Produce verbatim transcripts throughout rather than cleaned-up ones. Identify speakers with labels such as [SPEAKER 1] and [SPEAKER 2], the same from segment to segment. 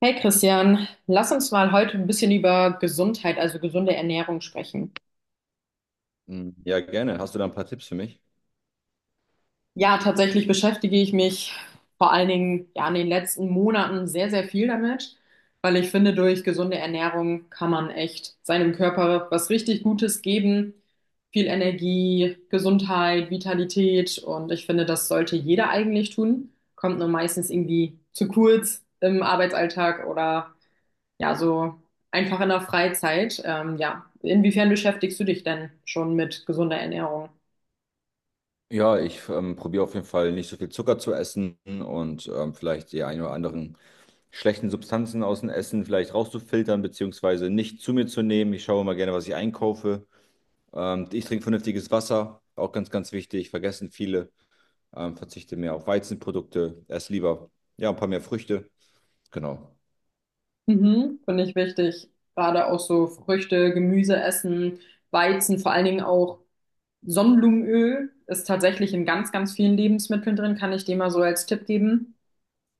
[SPEAKER 1] Hey Christian, lass uns mal heute ein bisschen über Gesundheit, also gesunde Ernährung sprechen.
[SPEAKER 2] Mm, ja, gerne. Hast du da ein paar Tipps für mich?
[SPEAKER 1] Ja, tatsächlich beschäftige ich mich vor allen Dingen ja in den letzten Monaten sehr, sehr viel damit, weil ich finde, durch gesunde Ernährung kann man echt seinem Körper was richtig Gutes geben. Viel Energie, Gesundheit, Vitalität und ich finde, das sollte jeder eigentlich tun. Kommt nur meistens irgendwie zu kurz im Arbeitsalltag oder ja, so einfach in der Freizeit. Ähm, ja, inwiefern beschäftigst du dich denn schon mit gesunder Ernährung?
[SPEAKER 2] Ja, ich ähm, probiere auf jeden Fall nicht so viel Zucker zu essen und ähm, vielleicht die ein oder anderen schlechten Substanzen aus dem Essen vielleicht rauszufiltern, beziehungsweise nicht zu mir zu nehmen. Ich schaue immer gerne, was ich einkaufe. Ähm, ich trinke vernünftiges Wasser, auch ganz, ganz wichtig, vergessen viele. Ähm, verzichte mehr auf Weizenprodukte, esse lieber ja, ein paar mehr Früchte. Genau.
[SPEAKER 1] Mhm, finde ich wichtig. Gerade auch so Früchte, Gemüse essen, Weizen, vor allen Dingen auch Sonnenblumenöl ist tatsächlich in ganz, ganz vielen Lebensmitteln drin, kann ich dir mal so als Tipp geben.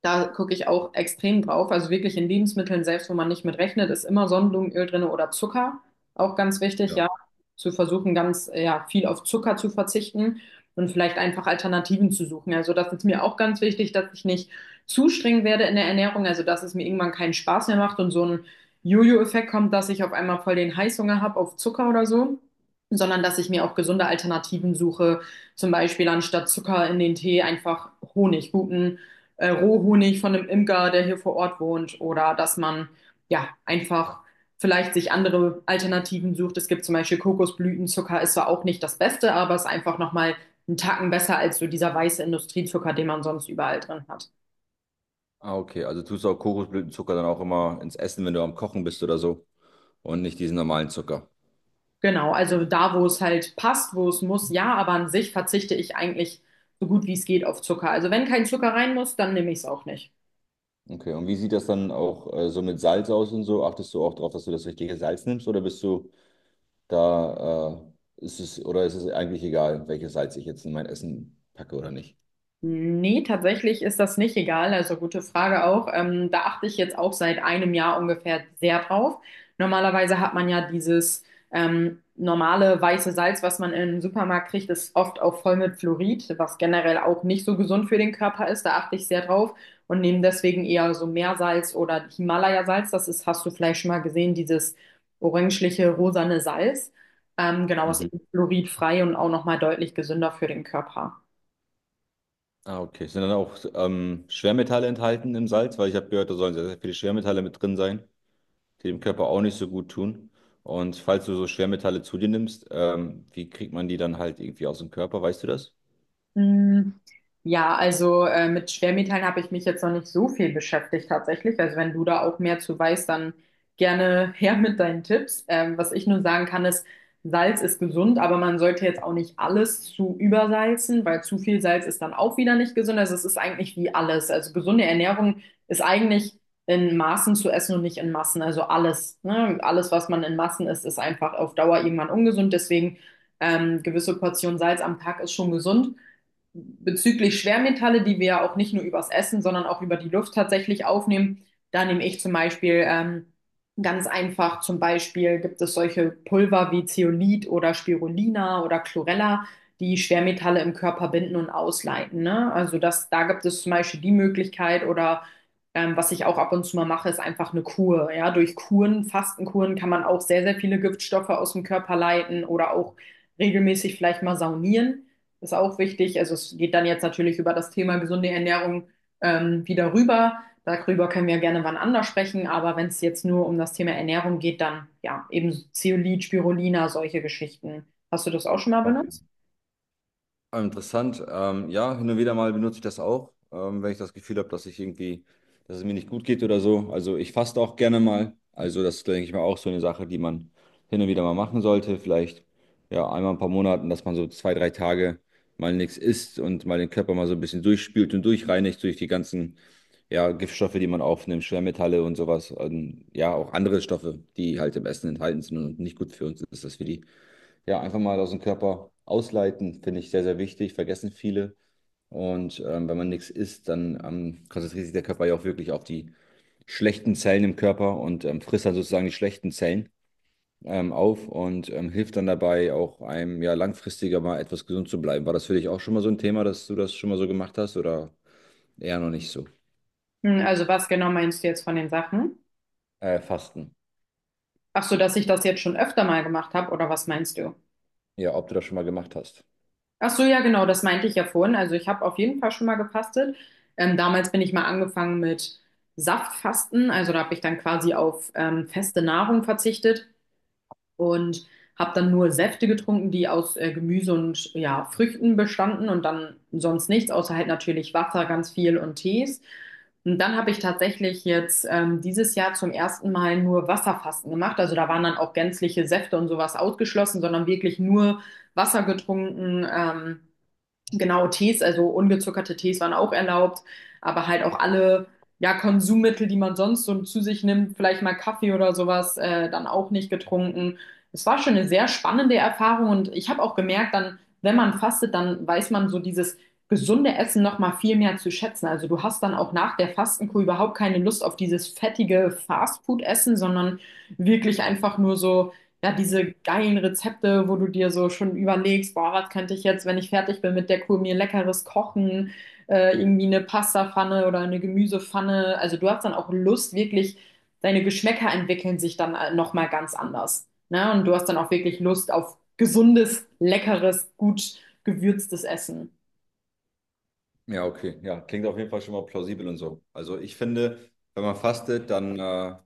[SPEAKER 1] Da gucke ich auch extrem drauf. Also wirklich in Lebensmitteln, selbst wo man nicht mit rechnet, ist immer Sonnenblumenöl drin oder Zucker. Auch ganz wichtig,
[SPEAKER 2] Ja.
[SPEAKER 1] ja, zu versuchen, ganz ja, viel auf Zucker zu verzichten und vielleicht einfach Alternativen zu suchen. Also das ist mir auch ganz wichtig, dass ich nicht zu streng werde in der Ernährung, also dass es mir irgendwann keinen Spaß mehr macht und so ein Jojo-Effekt kommt, dass ich auf einmal voll den Heißhunger habe auf Zucker oder so, sondern dass ich mir auch gesunde Alternativen suche. Zum Beispiel anstatt Zucker in den Tee einfach Honig, guten äh, Rohhonig von einem Imker, der hier vor Ort wohnt, oder dass man ja einfach vielleicht sich andere Alternativen sucht. Es gibt zum Beispiel Kokosblütenzucker, ist zwar auch nicht das Beste, aber ist einfach nochmal einen Tacken besser als so dieser weiße Industriezucker, den man sonst überall drin hat.
[SPEAKER 2] Ah, okay. Also tust du auch Kokosblütenzucker dann auch immer ins Essen, wenn du am Kochen bist oder so, und nicht diesen normalen Zucker.
[SPEAKER 1] Genau, also da, wo es halt passt, wo es muss, ja, aber an sich verzichte ich eigentlich so gut wie es geht auf Zucker. Also wenn kein Zucker rein muss, dann nehme ich es auch nicht.
[SPEAKER 2] Okay, und wie sieht das dann auch äh, so mit Salz aus und so? Achtest du auch darauf, dass du das richtige Salz nimmst, oder bist du da, äh, ist es, oder ist es eigentlich egal, welches Salz ich jetzt in mein Essen packe oder nicht?
[SPEAKER 1] Nee, tatsächlich ist das nicht egal. Also gute Frage auch. Ähm, da achte ich jetzt auch seit einem Jahr ungefähr sehr drauf. Normalerweise hat man ja dieses ähm, normale weiße Salz, was man im Supermarkt kriegt, ist oft auch voll mit Fluorid, was generell auch nicht so gesund für den Körper ist. Da achte ich sehr drauf und nehme deswegen eher so Meersalz oder Himalaya-Salz. Das ist, hast du vielleicht schon mal gesehen, dieses orangeliche, rosane Salz. Ähm, genau, ist
[SPEAKER 2] Mhm.
[SPEAKER 1] eben fluoridfrei und auch nochmal deutlich gesünder für den Körper.
[SPEAKER 2] Ah, okay. Sind dann auch ähm, Schwermetalle enthalten im Salz? Weil ich habe gehört, da sollen sehr, sehr viele Schwermetalle mit drin sein, die dem Körper auch nicht so gut tun. Und falls du so Schwermetalle zu dir nimmst, ähm, wie kriegt man die dann halt irgendwie aus dem Körper? Weißt du das?
[SPEAKER 1] Mm, ja, also äh, mit Schwermetallen habe ich mich jetzt noch nicht so viel beschäftigt tatsächlich. Also wenn du da auch mehr zu weißt, dann gerne her mit deinen Tipps. Ähm, was ich nur sagen kann, ist, Salz ist gesund, aber man sollte jetzt auch nicht alles zu übersalzen, weil zu viel Salz ist dann auch wieder nicht gesund. Also es ist eigentlich wie alles. Also gesunde Ernährung ist eigentlich in Maßen zu essen und nicht in Massen. Also alles, ne? Alles, was man in Massen isst, ist einfach auf Dauer irgendwann ungesund. Deswegen ähm, gewisse Portion Salz am Tag ist schon gesund bezüglich Schwermetalle, die wir ja auch nicht nur übers Essen, sondern auch über die Luft tatsächlich aufnehmen, da nehme ich zum Beispiel ähm, ganz einfach, zum Beispiel gibt es solche Pulver wie Zeolit oder Spirulina oder Chlorella, die Schwermetalle im Körper binden und ausleiten, ne? Also das, da gibt es zum Beispiel die Möglichkeit oder ähm, was ich auch ab und zu mal mache, ist einfach eine Kur. Ja, durch Kuren, Fastenkuren kann man auch sehr, sehr viele Giftstoffe aus dem Körper leiten oder auch regelmäßig vielleicht mal saunieren ist auch wichtig. Also es geht dann jetzt natürlich über das Thema gesunde Ernährung ähm, wieder rüber. Darüber können wir gerne wann anders sprechen, aber wenn es jetzt nur um das Thema Ernährung geht, dann ja, eben Zeolit, Spirulina, solche Geschichten. Hast du das auch schon mal benutzt?
[SPEAKER 2] Ah, interessant. Ähm, ja, hin und wieder mal benutze ich das auch, ähm, wenn ich das Gefühl habe, dass ich irgendwie, dass es mir nicht gut geht oder so. Also ich faste auch gerne mal. Also das ist, denke ich mal, auch so eine Sache, die man hin und wieder mal machen sollte. Vielleicht ja einmal in ein paar Monaten, dass man so zwei, drei Tage mal nichts isst und mal den Körper mal so ein bisschen durchspült und durchreinigt durch die ganzen ja, Giftstoffe, die man aufnimmt, Schwermetalle und sowas. Und ja, auch andere Stoffe, die halt im Essen enthalten sind und nicht gut für uns ist, dass wir die ja, einfach mal aus dem Körper ausleiten, finde ich sehr, sehr wichtig, vergessen viele. Und ähm, wenn man nichts isst, dann ähm, konzentriert sich der Körper ja auch wirklich auf die schlechten Zellen im Körper und ähm, frisst dann sozusagen die schlechten Zellen ähm, auf und ähm, hilft dann dabei auch einem ja langfristiger mal etwas gesund zu bleiben. War das für dich auch schon mal so ein Thema, dass du das schon mal so gemacht hast, oder eher noch nicht so?
[SPEAKER 1] Hm, also was genau meinst du jetzt von den Sachen?
[SPEAKER 2] Äh, Fasten.
[SPEAKER 1] Ach so, dass ich das jetzt schon öfter mal gemacht habe, oder was meinst du?
[SPEAKER 2] Ja, ob du das schon mal gemacht hast.
[SPEAKER 1] Ach so, ja, genau, das meinte ich ja vorhin. Also ich habe auf jeden Fall schon mal gefastet. Ähm, damals bin ich mal angefangen mit Saftfasten, also da habe ich dann quasi auf ähm, feste Nahrung verzichtet und habe dann nur Säfte getrunken, die aus äh, Gemüse und ja, Früchten bestanden und dann sonst nichts, außer halt natürlich Wasser, ganz viel und Tees. Und dann habe ich tatsächlich jetzt ähm, dieses Jahr zum ersten Mal nur Wasserfasten gemacht. Also da waren dann auch gänzliche Säfte und sowas ausgeschlossen, sondern wirklich nur Wasser getrunken. Ähm, Genau, Tees, also ungezuckerte Tees waren auch erlaubt, aber halt auch alle, ja, Konsummittel, die man sonst so zu sich nimmt, vielleicht mal Kaffee oder sowas, äh, dann auch nicht getrunken. Es war schon eine sehr spannende Erfahrung und ich habe auch gemerkt, dann, wenn man fastet, dann weiß man so dieses gesunde Essen noch mal viel mehr zu schätzen. Also du hast dann auch nach der Fastenkur überhaupt keine Lust auf dieses fettige Fastfood-Essen, sondern wirklich einfach nur so ja, diese geilen Rezepte, wo du dir so schon überlegst, boah, was könnte ich jetzt, wenn ich fertig bin mit der Kur, mir leckeres kochen, äh, irgendwie eine Pastapfanne oder eine Gemüsepfanne. Also du hast dann auch Lust, wirklich, deine Geschmäcker entwickeln sich dann äh, nochmal ganz anders. Ne? Und du hast dann auch wirklich Lust auf gesundes, leckeres, gut gewürztes Essen.
[SPEAKER 2] Ja, okay. Ja, klingt auf jeden Fall schon mal plausibel und so. Also ich finde, wenn man fastet, dann äh,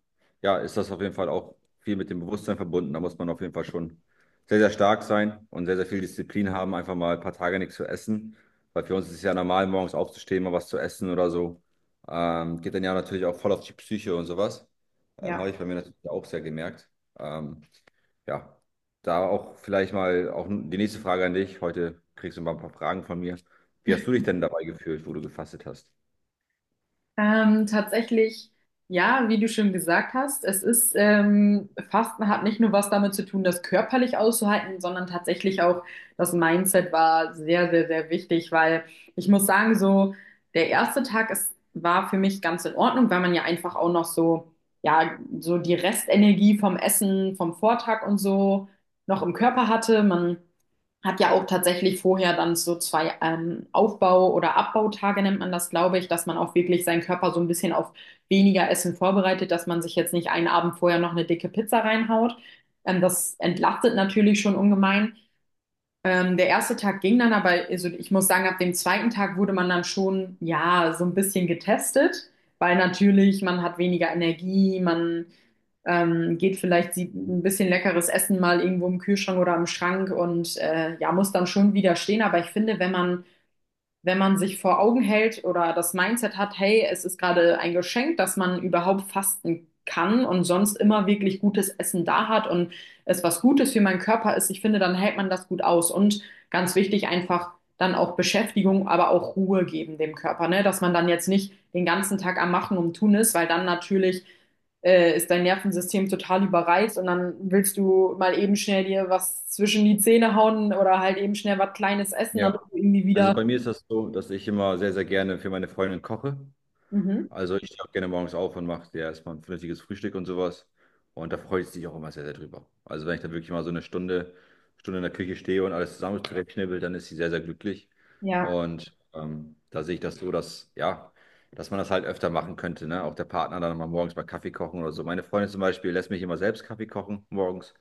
[SPEAKER 2] ja, ist das auf jeden Fall auch viel mit dem Bewusstsein verbunden. Da muss man auf jeden Fall schon sehr, sehr stark sein und sehr, sehr viel Disziplin haben, einfach mal ein paar Tage nichts zu essen. Weil für uns ist es ja normal, morgens aufzustehen, mal was zu essen oder so. Ähm, geht dann ja natürlich auch voll auf die Psyche und sowas. Ähm,
[SPEAKER 1] Ja.
[SPEAKER 2] habe ich bei mir natürlich auch sehr gemerkt. Ähm, ja, da auch vielleicht mal auch die nächste Frage an dich. Heute kriegst du mal ein paar Fragen von mir. Wie hast du dich denn dabei gefühlt, wo du gefastet hast?
[SPEAKER 1] Ähm, tatsächlich, ja, wie du schon gesagt hast, es ist, ähm, Fasten hat nicht nur was damit zu tun, das körperlich auszuhalten, sondern tatsächlich auch das Mindset war sehr, sehr, sehr wichtig, weil ich muss sagen, so der erste Tag ist, war für mich ganz in Ordnung, weil man ja einfach auch noch so, ja, so die Restenergie vom Essen, vom Vortag und so noch im Körper hatte. Man hat ja auch tatsächlich vorher dann so zwei ähm, Aufbau- oder Abbautage, nennt man das, glaube ich, dass man auch wirklich seinen Körper so ein bisschen auf weniger Essen vorbereitet, dass man sich jetzt nicht einen Abend vorher noch eine dicke Pizza reinhaut. Ähm, das entlastet natürlich schon ungemein. Ähm, der erste Tag ging dann, aber also ich muss sagen, ab dem zweiten Tag wurde man dann schon, ja, so ein bisschen getestet, weil natürlich man hat weniger Energie, man ähm, geht vielleicht, sieht ein bisschen leckeres Essen mal irgendwo im Kühlschrank oder im Schrank und äh, ja, muss dann schon widerstehen. Aber ich finde, wenn man wenn man sich vor Augen hält oder das Mindset hat, hey, es ist gerade ein Geschenk, dass man überhaupt fasten kann und sonst immer wirklich gutes Essen da hat und es was Gutes für meinen Körper ist, ich finde, dann hält man das gut aus. Und ganz wichtig, einfach dann auch Beschäftigung, aber auch Ruhe geben dem Körper, ne? Dass man dann jetzt nicht den ganzen Tag am Machen und Tun ist, weil dann natürlich äh, ist dein Nervensystem total überreizt und dann willst du mal eben schnell dir was zwischen die Zähne hauen oder halt eben schnell was Kleines essen,
[SPEAKER 2] Ja,
[SPEAKER 1] damit du irgendwie
[SPEAKER 2] also
[SPEAKER 1] wieder
[SPEAKER 2] bei mir ist das so, dass ich immer sehr, sehr gerne für meine Freundin koche.
[SPEAKER 1] Mhm.
[SPEAKER 2] Also ich stehe auch gerne morgens auf und mache dir erstmal ein vernünftiges Frühstück und sowas. Und da freue ich mich auch immer sehr, sehr drüber. Also wenn ich da wirklich mal so eine Stunde, Stunde in der Küche stehe und alles zusammen zurechtschnibbel, dann ist sie sehr, sehr glücklich.
[SPEAKER 1] Ja,
[SPEAKER 2] Und ähm, da sehe ich das so, dass, ja, dass man das halt öfter machen könnte, ne? Auch der Partner dann mal morgens mal Kaffee kochen oder so. Meine Freundin zum Beispiel lässt mich immer selbst Kaffee kochen morgens.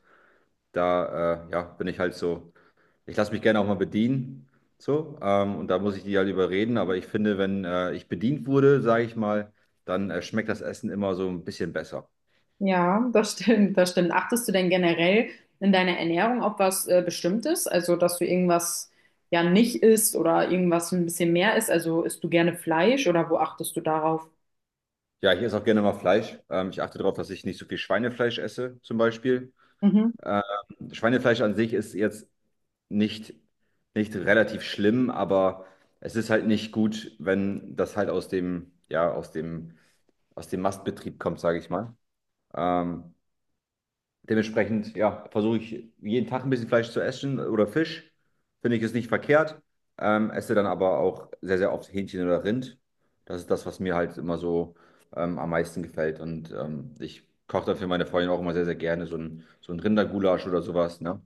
[SPEAKER 2] Da, äh, ja, bin ich halt so, ich lasse mich gerne auch mal bedienen. So, ähm, und da muss ich die halt überreden. Aber ich finde, wenn äh, ich bedient wurde, sage ich mal, dann äh, schmeckt das Essen immer so ein bisschen besser.
[SPEAKER 1] ja, das stimmt, das stimmt. Achtest du denn generell in deiner Ernährung auf was äh, Bestimmtes? Also, dass du irgendwas ja nicht isst oder irgendwas ein bisschen mehr isst? Also, isst du gerne Fleisch oder wo achtest du darauf?
[SPEAKER 2] Ja, ich esse auch gerne mal Fleisch. Ähm, ich achte darauf, dass ich nicht so viel Schweinefleisch esse, zum Beispiel.
[SPEAKER 1] Mhm.
[SPEAKER 2] Ähm, Schweinefleisch an sich ist jetzt nicht, nicht relativ schlimm, aber es ist halt nicht gut, wenn das halt aus dem, ja, aus dem, aus dem Mastbetrieb kommt, sage ich mal. Ähm, Dementsprechend, ja, versuche ich jeden Tag ein bisschen Fleisch zu essen oder Fisch. Finde ich es nicht verkehrt. Ähm, esse dann aber auch sehr, sehr oft Hähnchen oder Rind. Das ist das, was mir halt immer so ähm, am meisten gefällt. Und ähm, ich koche dann für meine Freundin auch immer sehr, sehr gerne so ein, so ein Rindergulasch oder sowas, ne?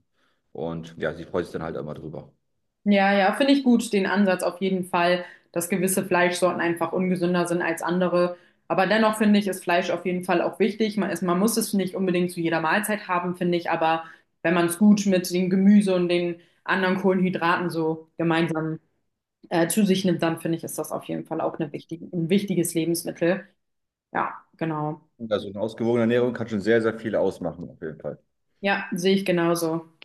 [SPEAKER 2] Und ja, sie freut sich dann halt immer drüber.
[SPEAKER 1] Ja, ja, finde ich gut, den Ansatz auf jeden Fall, dass gewisse Fleischsorten einfach ungesünder sind als andere. Aber dennoch finde ich, ist Fleisch auf jeden Fall auch wichtig. Man ist, man muss es nicht unbedingt zu jeder Mahlzeit haben, finde ich, aber wenn man es gut mit dem Gemüse und den anderen Kohlenhydraten so gemeinsam äh, zu sich nimmt, dann finde ich, ist das auf jeden Fall auch eine wichtige, ein wichtiges Lebensmittel. Ja, genau.
[SPEAKER 2] Also eine ausgewogene Ernährung kann schon sehr, sehr viel ausmachen, auf jeden Fall.
[SPEAKER 1] Ja, sehe ich genauso.